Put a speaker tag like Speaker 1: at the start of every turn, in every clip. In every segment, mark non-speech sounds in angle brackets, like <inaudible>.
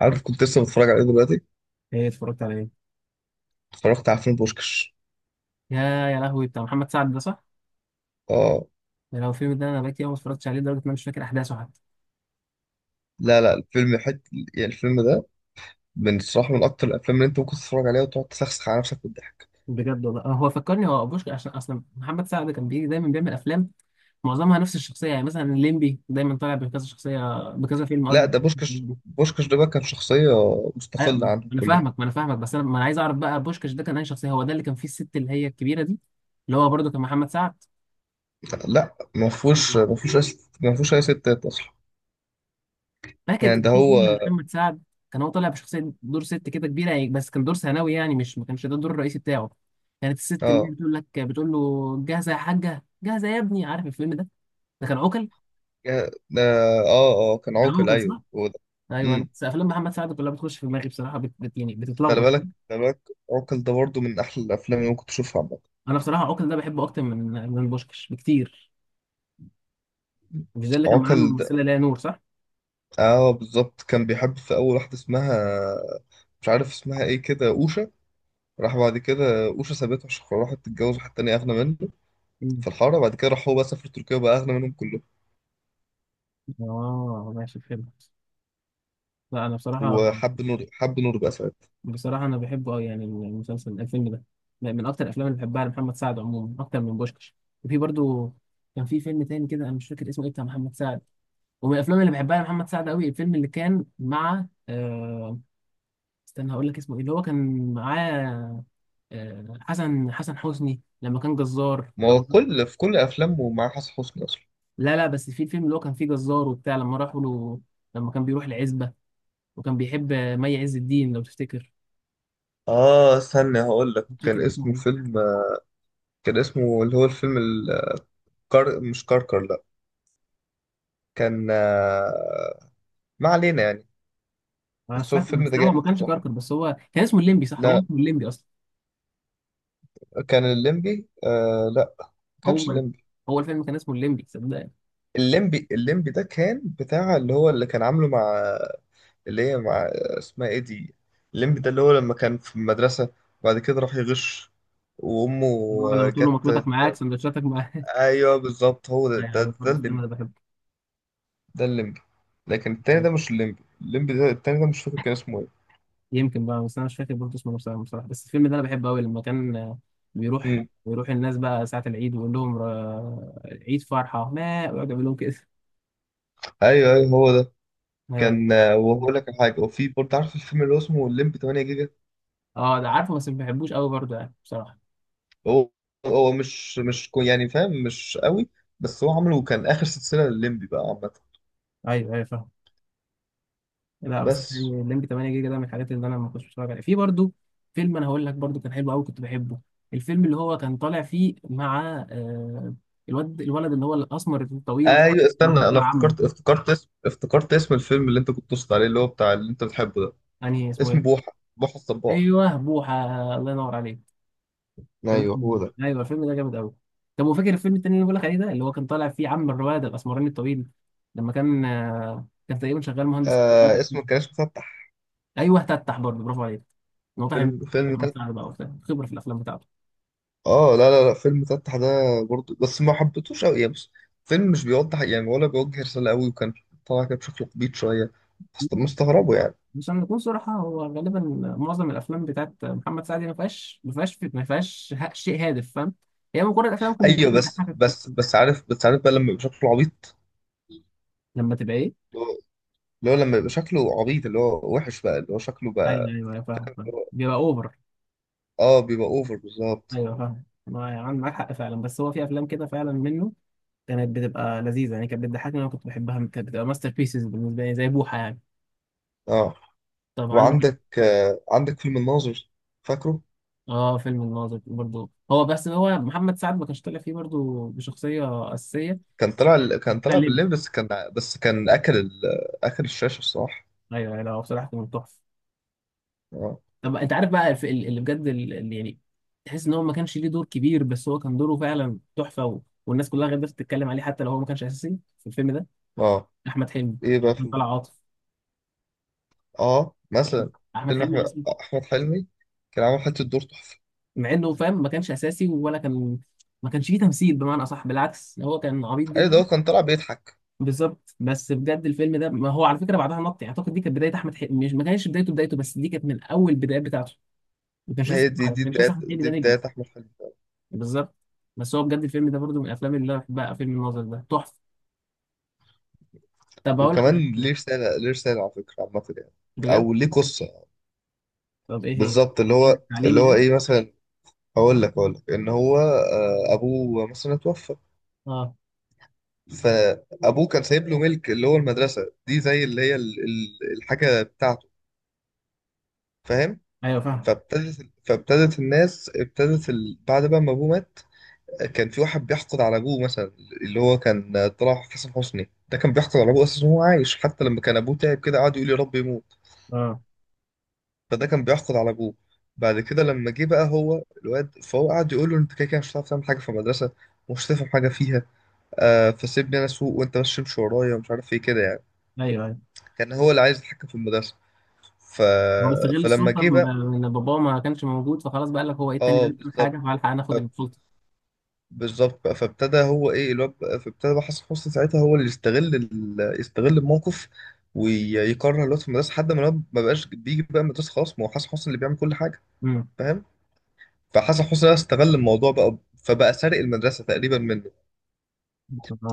Speaker 1: عارف، كنت لسه بتفرج عليه دلوقتي.
Speaker 2: ايه اتفرجت على ايه؟
Speaker 1: اتفرجت على فيلم بوشكش.
Speaker 2: يا يا لهوي بتاع محمد سعد ده صح؟
Speaker 1: اه.
Speaker 2: ده لو الفيلم ده انا بقيت يوم ما اتفرجتش عليه لدرجه ان انا مش فاكر احداثه حتى.
Speaker 1: لا لا، يعني الفيلم ده من الصراحة، من أكتر الأفلام اللي أنت ممكن تتفرج عليها وتقعد تسخسخ على نفسك بالضحك.
Speaker 2: بجد والله. هو فكرني هو ابوشكا، عشان اصلا محمد سعد كان بيجي دايما بيعمل افلام معظمها نفس الشخصيه، يعني مثلا الليمبي دايما طالع بكذا شخصيه بكذا فيلم.
Speaker 1: لا،
Speaker 2: قصدي
Speaker 1: ده بوشكش. بوشكش ده بقى كان شخصية
Speaker 2: أيوة،
Speaker 1: مستقلة
Speaker 2: ما
Speaker 1: عنهم
Speaker 2: انا
Speaker 1: كلهم.
Speaker 2: فاهمك ما انا فاهمك بس انا ما انا عايز اعرف بقى بوشكاش ده كان اي شخصيه. هو ده اللي كان فيه الست اللي هي الكبيره دي، اللي هو برضه كان محمد سعد.
Speaker 1: لا، ما فيهوش أي ستات أصلا.
Speaker 2: فاكر
Speaker 1: يعني
Speaker 2: كان
Speaker 1: ده
Speaker 2: في فيلم
Speaker 1: هو.
Speaker 2: لمحمد سعد كان هو طالع بشخصيه دور ست كده كبيره، يعني بس كان دور ثانوي، يعني مش ما كانش ده الدور الرئيسي بتاعه. كانت الست اللي هي
Speaker 1: اه.
Speaker 2: بتقول لك بتقول له جاهزه يا حاجه جاهزه يا ابني، عارف الفيلم ده؟ ده كان عوكل.
Speaker 1: ده اه اه، كان
Speaker 2: كان
Speaker 1: عوكل.
Speaker 2: عوكل
Speaker 1: أيوه
Speaker 2: صح.
Speaker 1: هو ده.
Speaker 2: ايوه انا
Speaker 1: امم
Speaker 2: بس افلام محمد سعد كلها بتخش في دماغي بصراحه، يعني
Speaker 1: خلي
Speaker 2: بتتلخبط.
Speaker 1: بالك خلي بالك. عوكل ده برضه من أحلى الأفلام اللي ممكن تشوفها عامة.
Speaker 2: انا بصراحه عوكل ده بحبه اكتر من بوشكش بكتير. مش ده اللي كان معاه
Speaker 1: عوكل
Speaker 2: الممثله ليلى نور صح؟
Speaker 1: اه، بالظبط كان بيحب في اول واحده اسمها، مش عارف اسمها ايه كده، اوشا. راح بعد كده اوشا سابته عشان راحت تتجوز واحد تاني اغنى منه في
Speaker 2: مم.
Speaker 1: الحاره. بعد كده راح هو بقى سافر تركيا، بقى اغنى منهم كلهم.
Speaker 2: اه ماشي فهمت. لا انا بصراحه.
Speaker 1: وحب نور، حب نور بقى ساعتها.
Speaker 2: أنا بحبه أوي، يعني الفيلم ده من أكتر الأفلام اللي بحبها لمحمد سعد عموما، أكتر من بوشكش. وفي برضو كان في فيلم تاني كده أنا مش فاكر اسمه إيه، بتاع محمد سعد. ومن الأفلام اللي بحبها لمحمد سعد أوي الفيلم اللي كان مع استنى هقول لك اسمه إيه، اللي هو كان معاه حسن حسني، لما كان جزار
Speaker 1: ما هو
Speaker 2: رمضان.
Speaker 1: كل في كل افلامه معاه حسن حسني اصلا.
Speaker 2: لا لا، بس في الفيلم اللي هو كان فيه جزار وبتاع، لما راحوا له، لما كان بيروح العزبة وكان بيحب مي عز الدين، لو تفتكر.
Speaker 1: اه، استنى هقول لك
Speaker 2: مش
Speaker 1: كان
Speaker 2: فاكر اسمه
Speaker 1: اسمه
Speaker 2: إيه.
Speaker 1: فيلم، كان اسمه اللي هو الفيلم مش كركر، لا. كان ما علينا يعني.
Speaker 2: انا مش
Speaker 1: بس هو
Speaker 2: فاكر،
Speaker 1: الفيلم
Speaker 2: بس
Speaker 1: ده
Speaker 2: ده هو ما
Speaker 1: جامد
Speaker 2: كانش
Speaker 1: الصراحه.
Speaker 2: كركر. بس هو كان اسمه الليمبي صح، هو
Speaker 1: لا،
Speaker 2: اسمه الليمبي اصلا.
Speaker 1: كان الليمبي، لا، ما كانش
Speaker 2: هو
Speaker 1: الليمبي.
Speaker 2: الفيلم كان اسمه الليمبي، صدقني.
Speaker 1: الليمبي الليمبي ده كان بتاع اللي هو اللي كان عامله مع اللي هي مع اسمها ايه دي. الليمبي ده اللي هو لما كان في المدرسة وبعد كده راح يغش، وأمه
Speaker 2: هو لما تقول له
Speaker 1: جت.
Speaker 2: مطبتك معاك سندوتشاتك معاك
Speaker 1: أيوه بالظبط هو
Speaker 2: <laughs> ايوه أيوة،
Speaker 1: ده
Speaker 2: برضه الفيلم
Speaker 1: الليمبي.
Speaker 2: ده بحبه.
Speaker 1: ده الليمبي لكن التاني
Speaker 2: أيوة.
Speaker 1: ده مش الليمبي. الليمبي ده التاني ده مش فاكر كان اسمه ايه.
Speaker 2: يمكن بقى، بس انا مش فاكر برضه اسمه بصراحه. بس الفيلم ده انا بحبه قوي، لما كان بيروح
Speaker 1: امم،
Speaker 2: بيروح الناس بقى ساعه العيد، ويقول لهم عيد فرحه ما، ويقعد يعمل لهم كده <laughs>
Speaker 1: ايوه ايوه هو ده.
Speaker 2: ايوه.
Speaker 1: كان وهقول لك على حاجة. وفي برضه عارف الفيلم اللي هو اسمه الليمبي 8 جيجا.
Speaker 2: اه ده عارفه، بس ما بحبوش قوي برضه يعني بصراحه.
Speaker 1: هو هو مش مش كو- يعني فاهم، مش قوي. بس هو عامله كان آخر سلسلة للليمبي بقى عامة.
Speaker 2: ايوه ايوه فاهم. لا بس يعني
Speaker 1: بس
Speaker 2: الليمبي 8 جيجا ده من الحاجات اللي انا ما كنتش بتفرج عليها في برضو. فيلم انا هقول لك برضو كان حلو قوي كنت بحبه، الفيلم اللي هو كان طالع فيه مع الولد اللي هو الاسمر الطويل ده،
Speaker 1: ايوه،
Speaker 2: اللي كان
Speaker 1: استنى، انا
Speaker 2: طالع عمه.
Speaker 1: افتكرت، افتكرت اسم الفيلم اللي انت كنت تقصد عليه، اللي هو بتاع اللي انت بتحبه ده.
Speaker 2: يعني اسمه
Speaker 1: اسم
Speaker 2: ايه.
Speaker 1: بوحة، بوحة الصباح.
Speaker 2: ايوه بوحه. الله ينور عليك. كان
Speaker 1: ايوه
Speaker 2: اسمه
Speaker 1: هو
Speaker 2: بوحه،
Speaker 1: ده.
Speaker 2: ايوه الفيلم ده جامد قوي. طب وفاكر الفيلم التاني اللي بقول لك عليه ده، اللي هو كان طالع فيه عم الرواد الاسمراني الطويل، لما كان كان تقريبا شغال مهندس كمبيوتر.
Speaker 1: اسمه كان اسمه فتح.
Speaker 2: ايوه تفتح، برضه برافو عليك. واضح ان
Speaker 1: فيلم
Speaker 2: أنت
Speaker 1: تفتح.
Speaker 2: بقى وبتاع، خبره في الافلام بتاعته.
Speaker 1: اه لا لا لا، فيلم فتح ده برضه بس ما حبيتهوش قوي يعني. بص، فيلم مش بيوضح يعني ولا بيوجه رسالة قوي، وكان طالع كده بشكل عبيط شوية، بس مستغربه يعني.
Speaker 2: عشان نكون صراحة، هو غالبا معظم الأفلام بتاعت محمد سعد ما فيهاش شيء هادف، فاهم. هي مجرد أفلام كوميدية
Speaker 1: ايوه بس
Speaker 2: بتضحكك
Speaker 1: بس
Speaker 2: كتير.
Speaker 1: بس، عارف، بس عارف بقى لما يبقى شكله عبيط.
Speaker 2: لما تبقى إيه؟
Speaker 1: اللي هو اللي هو لما يبقى شكله عبيط، اللي هو وحش بقى، اللي هو شكله
Speaker 2: أيوه
Speaker 1: بقى.
Speaker 2: أيوه أيوة، فاهم فاهم بيبقى أوفر.
Speaker 1: اه، بيبقى اوفر بالظبط.
Speaker 2: أيوه فاهم، ما يعني معاك حق فعلا. بس هو في أفلام كده فعلا منه كانت بتبقى لذيذة، يعني كانت بتضحكني، أنا كنت بحبها، كانت بتبقى ماستر بيسز بالنسبة لي زي بوحة يعني.
Speaker 1: اه،
Speaker 2: طبعا.
Speaker 1: وعندك عندك فيلم الناظر، فاكره.
Speaker 2: اه فيلم الناظر برضه هو، بس هو محمد سعد ما كانش طالع فيه برضه بشخصية أساسية.
Speaker 1: كان
Speaker 2: بتاع
Speaker 1: طلع
Speaker 2: الليمبي.
Speaker 1: بالليل، بس كان اكل الشاشه الصراحه.
Speaker 2: أيوه أيوة، لا هو بصراحة كان تحفة.
Speaker 1: اه.
Speaker 2: طب انت عارف بقى، اللي بجد اللي يعني تحس ان هو ما كانش ليه دور كبير، بس هو كان دوره فعلا تحفه، والناس كلها غير تتكلم عليه حتى لو هو ما كانش اساسي في الفيلم ده.
Speaker 1: اه.
Speaker 2: احمد حلمي.
Speaker 1: ايه بقى
Speaker 2: كان
Speaker 1: فيلم.
Speaker 2: طلع عاطف.
Speaker 1: اه، مثلا
Speaker 2: احمد
Speaker 1: فيلم
Speaker 2: حلمي
Speaker 1: احمد،
Speaker 2: أصلاً.
Speaker 1: حلمي كان عامل حته دور تحفه.
Speaker 2: مع انه، فاهم، ما كانش اساسي ولا كان ما كانش فيه تمثيل، بمعنى اصح بالعكس هو كان عبيط
Speaker 1: ايوه، ده
Speaker 2: جدا.
Speaker 1: هو كان طلع بيضحك.
Speaker 2: بالظبط. بس بجد الفيلم ده ما هو على فكره بعدها نط. يعني اعتقد دي كانت بدايه احمد حلمي، مش ما كانش بدايته بدايته. بس دي كانت من اول البدايات بتاعته.
Speaker 1: هي
Speaker 2: ما كانش لسه احمد حلمي ده
Speaker 1: دي
Speaker 2: نجم.
Speaker 1: بدايه احمد حلمي.
Speaker 2: بالظبط. بس هو بجد الفيلم ده برضو من الافلام اللي انا بحبها، فيلم الناظر ده تحفه. طب اقول لك على
Speaker 1: وكمان
Speaker 2: حاجة.
Speaker 1: ليه رساله، ليه رساله على فكره عامه يعني.
Speaker 2: بجد.
Speaker 1: او ليه قصه يعني.
Speaker 2: طب ايه هي.
Speaker 1: بالظبط، اللي هو
Speaker 2: تعليم
Speaker 1: اللي هو
Speaker 2: يعني.
Speaker 1: ايه مثلا. هقول لك ان هو ابوه مثلا اتوفى.
Speaker 2: اه.
Speaker 1: فابوه كان سايب له ملك اللي هو المدرسه دي، زي اللي هي الحاجه بتاعته، فاهم.
Speaker 2: ايوه فاهم.
Speaker 1: فابتدت الناس بعد بقى ما ابوه مات كان في واحد بيحقد على ابوه مثلا. اللي هو كان طلع حسن حسني، ده كان بيحقد على ابوه اساسا وهو عايش، حتى لما كان ابوه تعب كده قعد يقول يا رب يموت.
Speaker 2: اه
Speaker 1: فده كان بيحقد على ابوه. بعد كده لما جه بقى هو الواد، فهو قعد يقول له انت كده كده مش هتعرف تعمل حاجه في المدرسه ومش هتفهم حاجه فيها. فسيبني انا اسوق، وانت بس تمشي ورايا، ومش عارف ايه كده يعني.
Speaker 2: ايوه ايوه.
Speaker 1: كان هو اللي عايز يتحكم في المدرسة. ف...
Speaker 2: هو استغل
Speaker 1: فلما
Speaker 2: السلطه
Speaker 1: جه بقى.
Speaker 2: ان باباه ما كانش موجود، فخلاص بقى لك هو ايه التاني ده
Speaker 1: اه
Speaker 2: بيعمل
Speaker 1: بالظبط.
Speaker 2: حاجه، فالحق ناخد
Speaker 1: ف-
Speaker 2: السلطه.
Speaker 1: بالظبط بقى، فابتدى هو ايه الواد بقى- فابتدى بقى حسن حسني ساعتها هو اللي يستغل يستغل الموقف، ويكره الواد في المدرسة لحد ما الواد ما بقاش بيجي بقى المدرسة، خلاص، ما هو حسن حسني اللي بيعمل كل حاجة،
Speaker 2: امم.
Speaker 1: فاهم. فحسن حسني ده استغل الموضوع بقى، فبقى سارق المدرسة تقريبا منه.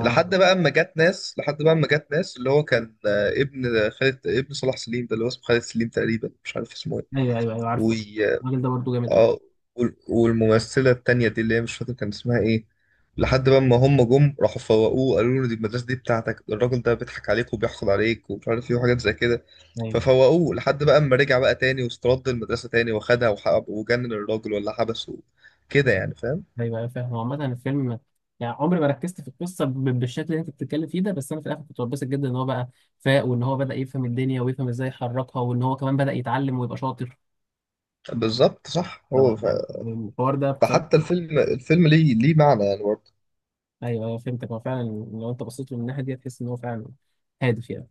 Speaker 1: لحد بقى اما جت ناس اللي هو كان ابن خالد، ابن صلاح سليم ده اللي هو اسمه خالد سليم تقريبا، مش عارف اسمه
Speaker 2: ايوه ايوه ايوه عارفه.
Speaker 1: ايه.
Speaker 2: الراجل ده برضو جامد
Speaker 1: اه، والممثلة التانية دي اللي هي مش فاكر كان اسمها ايه. لحد بقى ما هم جم راحوا فوقوه قالوا له دي المدرسة دي بتاعتك، ده الراجل ده بيضحك عليك وبيحقد عليك ومش عارف ايه وحاجات زي كده.
Speaker 2: قوي.
Speaker 1: ففوقوه لحد بقى اما رجع بقى تاني واسترد المدرسة تاني واخدها وحب وجنن الراجل ولا حبسه كده يعني، فاهم.
Speaker 2: ايوه ايوه فاهم. هو عامة الفيلم يعني عمري ما ركزت في القصة بالشكل اللي انت بتتكلم فيه ده، بس انا في الاخر كنت متبسط جدا ان هو بقى فاق، وان هو بدأ يفهم الدنيا ويفهم ازاي يحركها، وان هو كمان بدأ يتعلم ويبقى شاطر.
Speaker 1: بالظبط صح.
Speaker 2: ف-
Speaker 1: هو
Speaker 2: الحوار ده بصراحة.
Speaker 1: فحتى الفيلم، الفيلم ليه، ليه معنى يعني برضه.
Speaker 2: ايوه ايوه فهمتك، هو فعلا لو انت بصيت له من الناحية دي هتحس ان هو فعلا هادف يعني.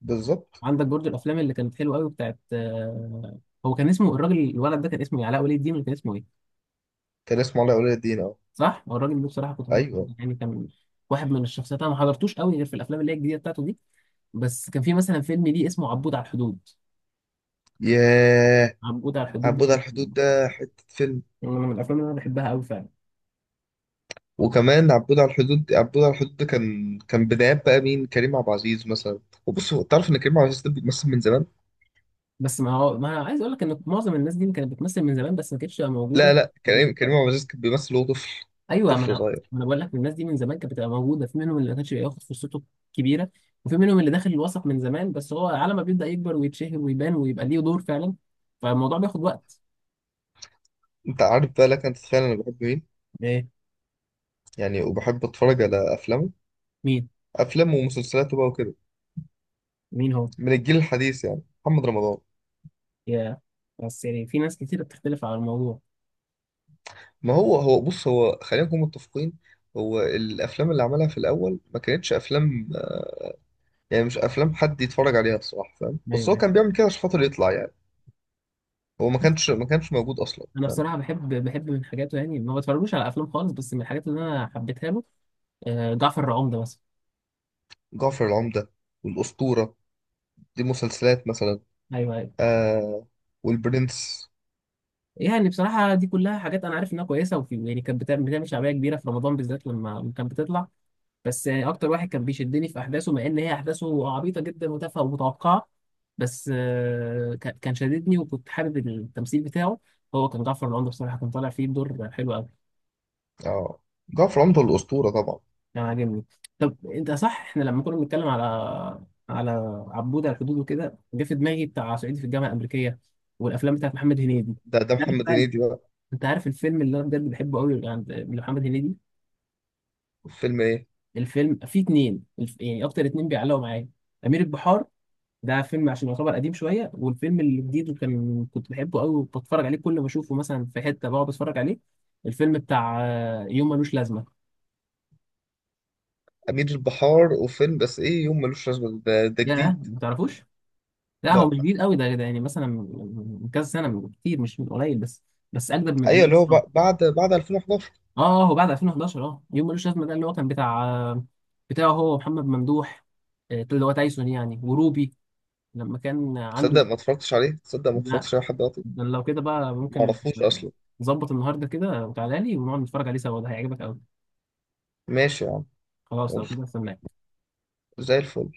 Speaker 1: بالظبط.
Speaker 2: عندك برضو الافلام اللي كانت حلوة قوي بتاعت هو كان اسمه الولد ده كان اسمه إيه؟ علاء ولي الدين ولا كان اسمه ايه؟
Speaker 1: كان اسمه علاء ولي الدين، اه.
Speaker 2: صح، هو الراجل ده بصراحة كنت
Speaker 1: ايوه.
Speaker 2: بحبه يعني، كان واحد من الشخصيات. انا ما حضرتوش قوي غير في الافلام اللي هي الجديدة بتاعته دي. بس كان في مثلا فيلم ليه اسمه عبود على الحدود،
Speaker 1: ياه.
Speaker 2: عبود على الحدود ده
Speaker 1: عبود على الحدود
Speaker 2: برضه
Speaker 1: ده حتة فيلم.
Speaker 2: من الافلام اللي انا بحبها قوي فعلا.
Speaker 1: وكمان عبود على الحدود، عبود على الحدود ده كان، كان بدايات بقى مين، كريم عبد العزيز مثلا. وبص هو، تعرف ان كريم عبد العزيز ده بيمثل من زمان.
Speaker 2: بس ما هو ما أنا عايز اقول لك ان معظم الناس دي كانت بتمثل من زمان، بس ما كانتش بتبقى
Speaker 1: لا
Speaker 2: موجوده
Speaker 1: لا، كريم
Speaker 2: بشكل.
Speaker 1: عبد العزيز كان بيمثل وهو طفل،
Speaker 2: ايوه ما انا
Speaker 1: طفل صغير.
Speaker 2: بقول لك الناس دي من زمان كانت بتبقى موجوده، في منهم اللي ما كانش بياخد فرصته كبيره، وفي منهم اللي داخل الوسط من زمان، بس هو على ما بيبدا يكبر ويتشهر ويبان ويبقى ليه دور فعلا، فالموضوع بياخد وقت.
Speaker 1: انت عارف بقى لك، انت تتخيل انا بحب مين؟
Speaker 2: ايه.
Speaker 1: يعني وبحب اتفرج على افلامه،
Speaker 2: مين
Speaker 1: افلامه ومسلسلاته بقى وكده،
Speaker 2: مين هو.
Speaker 1: من الجيل الحديث، يعني محمد رمضان.
Speaker 2: يا بس يعني في ناس كتير بتختلف على الموضوع.
Speaker 1: ما هو هو بص، هو خلينا نكون متفقين. هو الافلام اللي عملها في الاول ما كانتش افلام، يعني مش افلام حد يتفرج عليها الصراحه، فاهم. بس هو
Speaker 2: ايوه
Speaker 1: كان بيعمل كده عشان خاطر يطلع يعني. هو ما كانش موجود اصلا،
Speaker 2: انا
Speaker 1: فاهم.
Speaker 2: بصراحه بحب من حاجاته، يعني ما بتفرجوش على افلام خالص، بس من الحاجات اللي انا حبيتها له جعفر العمدة مثلا.
Speaker 1: جعفر العمدة والاسطورة، دي مسلسلات مثلا.
Speaker 2: ايوه ايوه.
Speaker 1: آه، والبرنس.
Speaker 2: يعني بصراحه دي كلها حاجات انا عارف انها كويسه، وفي يعني كانت بتعمل شعبيه كبيره في رمضان بالذات لما كانت بتطلع. بس يعني اكتر واحد كان بيشدني في احداثه، مع ان هي احداثه عبيطه جدا وتافهه ومتوقعه، بس كان شددني وكنت حابب التمثيل بتاعه. هو كان جعفر العمدة بصراحه كان طالع فيه بدور حلو قوي.
Speaker 1: اه، جعفر العمدة والاسطورة طبعا.
Speaker 2: انا عاجبني. طب انت صح، احنا لما كنا بنتكلم على عبود على الحدود وكده، جه في دماغي بتاع صعيدي في الجامعه الامريكيه والافلام بتاعت محمد هنيدي.
Speaker 1: ده
Speaker 2: عارف
Speaker 1: محمد
Speaker 2: بقى.
Speaker 1: هنيدي بقى.
Speaker 2: انت عارف الفيلم اللي انا بجد بحبه قوي عند محمد هنيدي؟
Speaker 1: فيلم ايه؟
Speaker 2: الفيلم فيه اتنين يعني اكتر، اتنين بيعلقوا معايا. امير البحار ده فيلم، عشان يعتبر قديم شويه. والفيلم الجديد وكان كنت بحبه قوي، وبتفرج عليه كل ما اشوفه مثلا في حته بقعد اتفرج عليه، الفيلم بتاع يوم ملوش لازمه.
Speaker 1: امير البحار، وفيلم بس ايه يوم ملوش لازمة ده, ده
Speaker 2: يا
Speaker 1: جديد.
Speaker 2: ما تعرفوش. لا هو
Speaker 1: لا.
Speaker 2: مش جديد قوي ده. يعني مثلا من كذا سنه، من كتير مش من قليل، بس بس اجدد من
Speaker 1: ايوه،
Speaker 2: امير
Speaker 1: اللي هو
Speaker 2: خان.
Speaker 1: بعد 2011.
Speaker 2: اه هو بعد 2011. اه يوم ملوش لازمه ده، اللي هو كان بتاعه، هو ومحمد ممدوح اللي هو تايسون يعني، وروبي، لما كان عنده.
Speaker 1: تصدق ما اتفرجتش عليه، تصدق ما
Speaker 2: لا.
Speaker 1: اتفرجتش عليه لحد دلوقتي.
Speaker 2: ده لو كده بقى
Speaker 1: ما
Speaker 2: ممكن
Speaker 1: اعرفوش اصلا.
Speaker 2: نظبط النهارده كده وتعالى لي ونقعد نتفرج عليه سوا، ده هيعجبك قوي.
Speaker 1: ماشي يا عم.
Speaker 2: خلاص، لو
Speaker 1: يلا،
Speaker 2: كده استناك.
Speaker 1: زي الفل.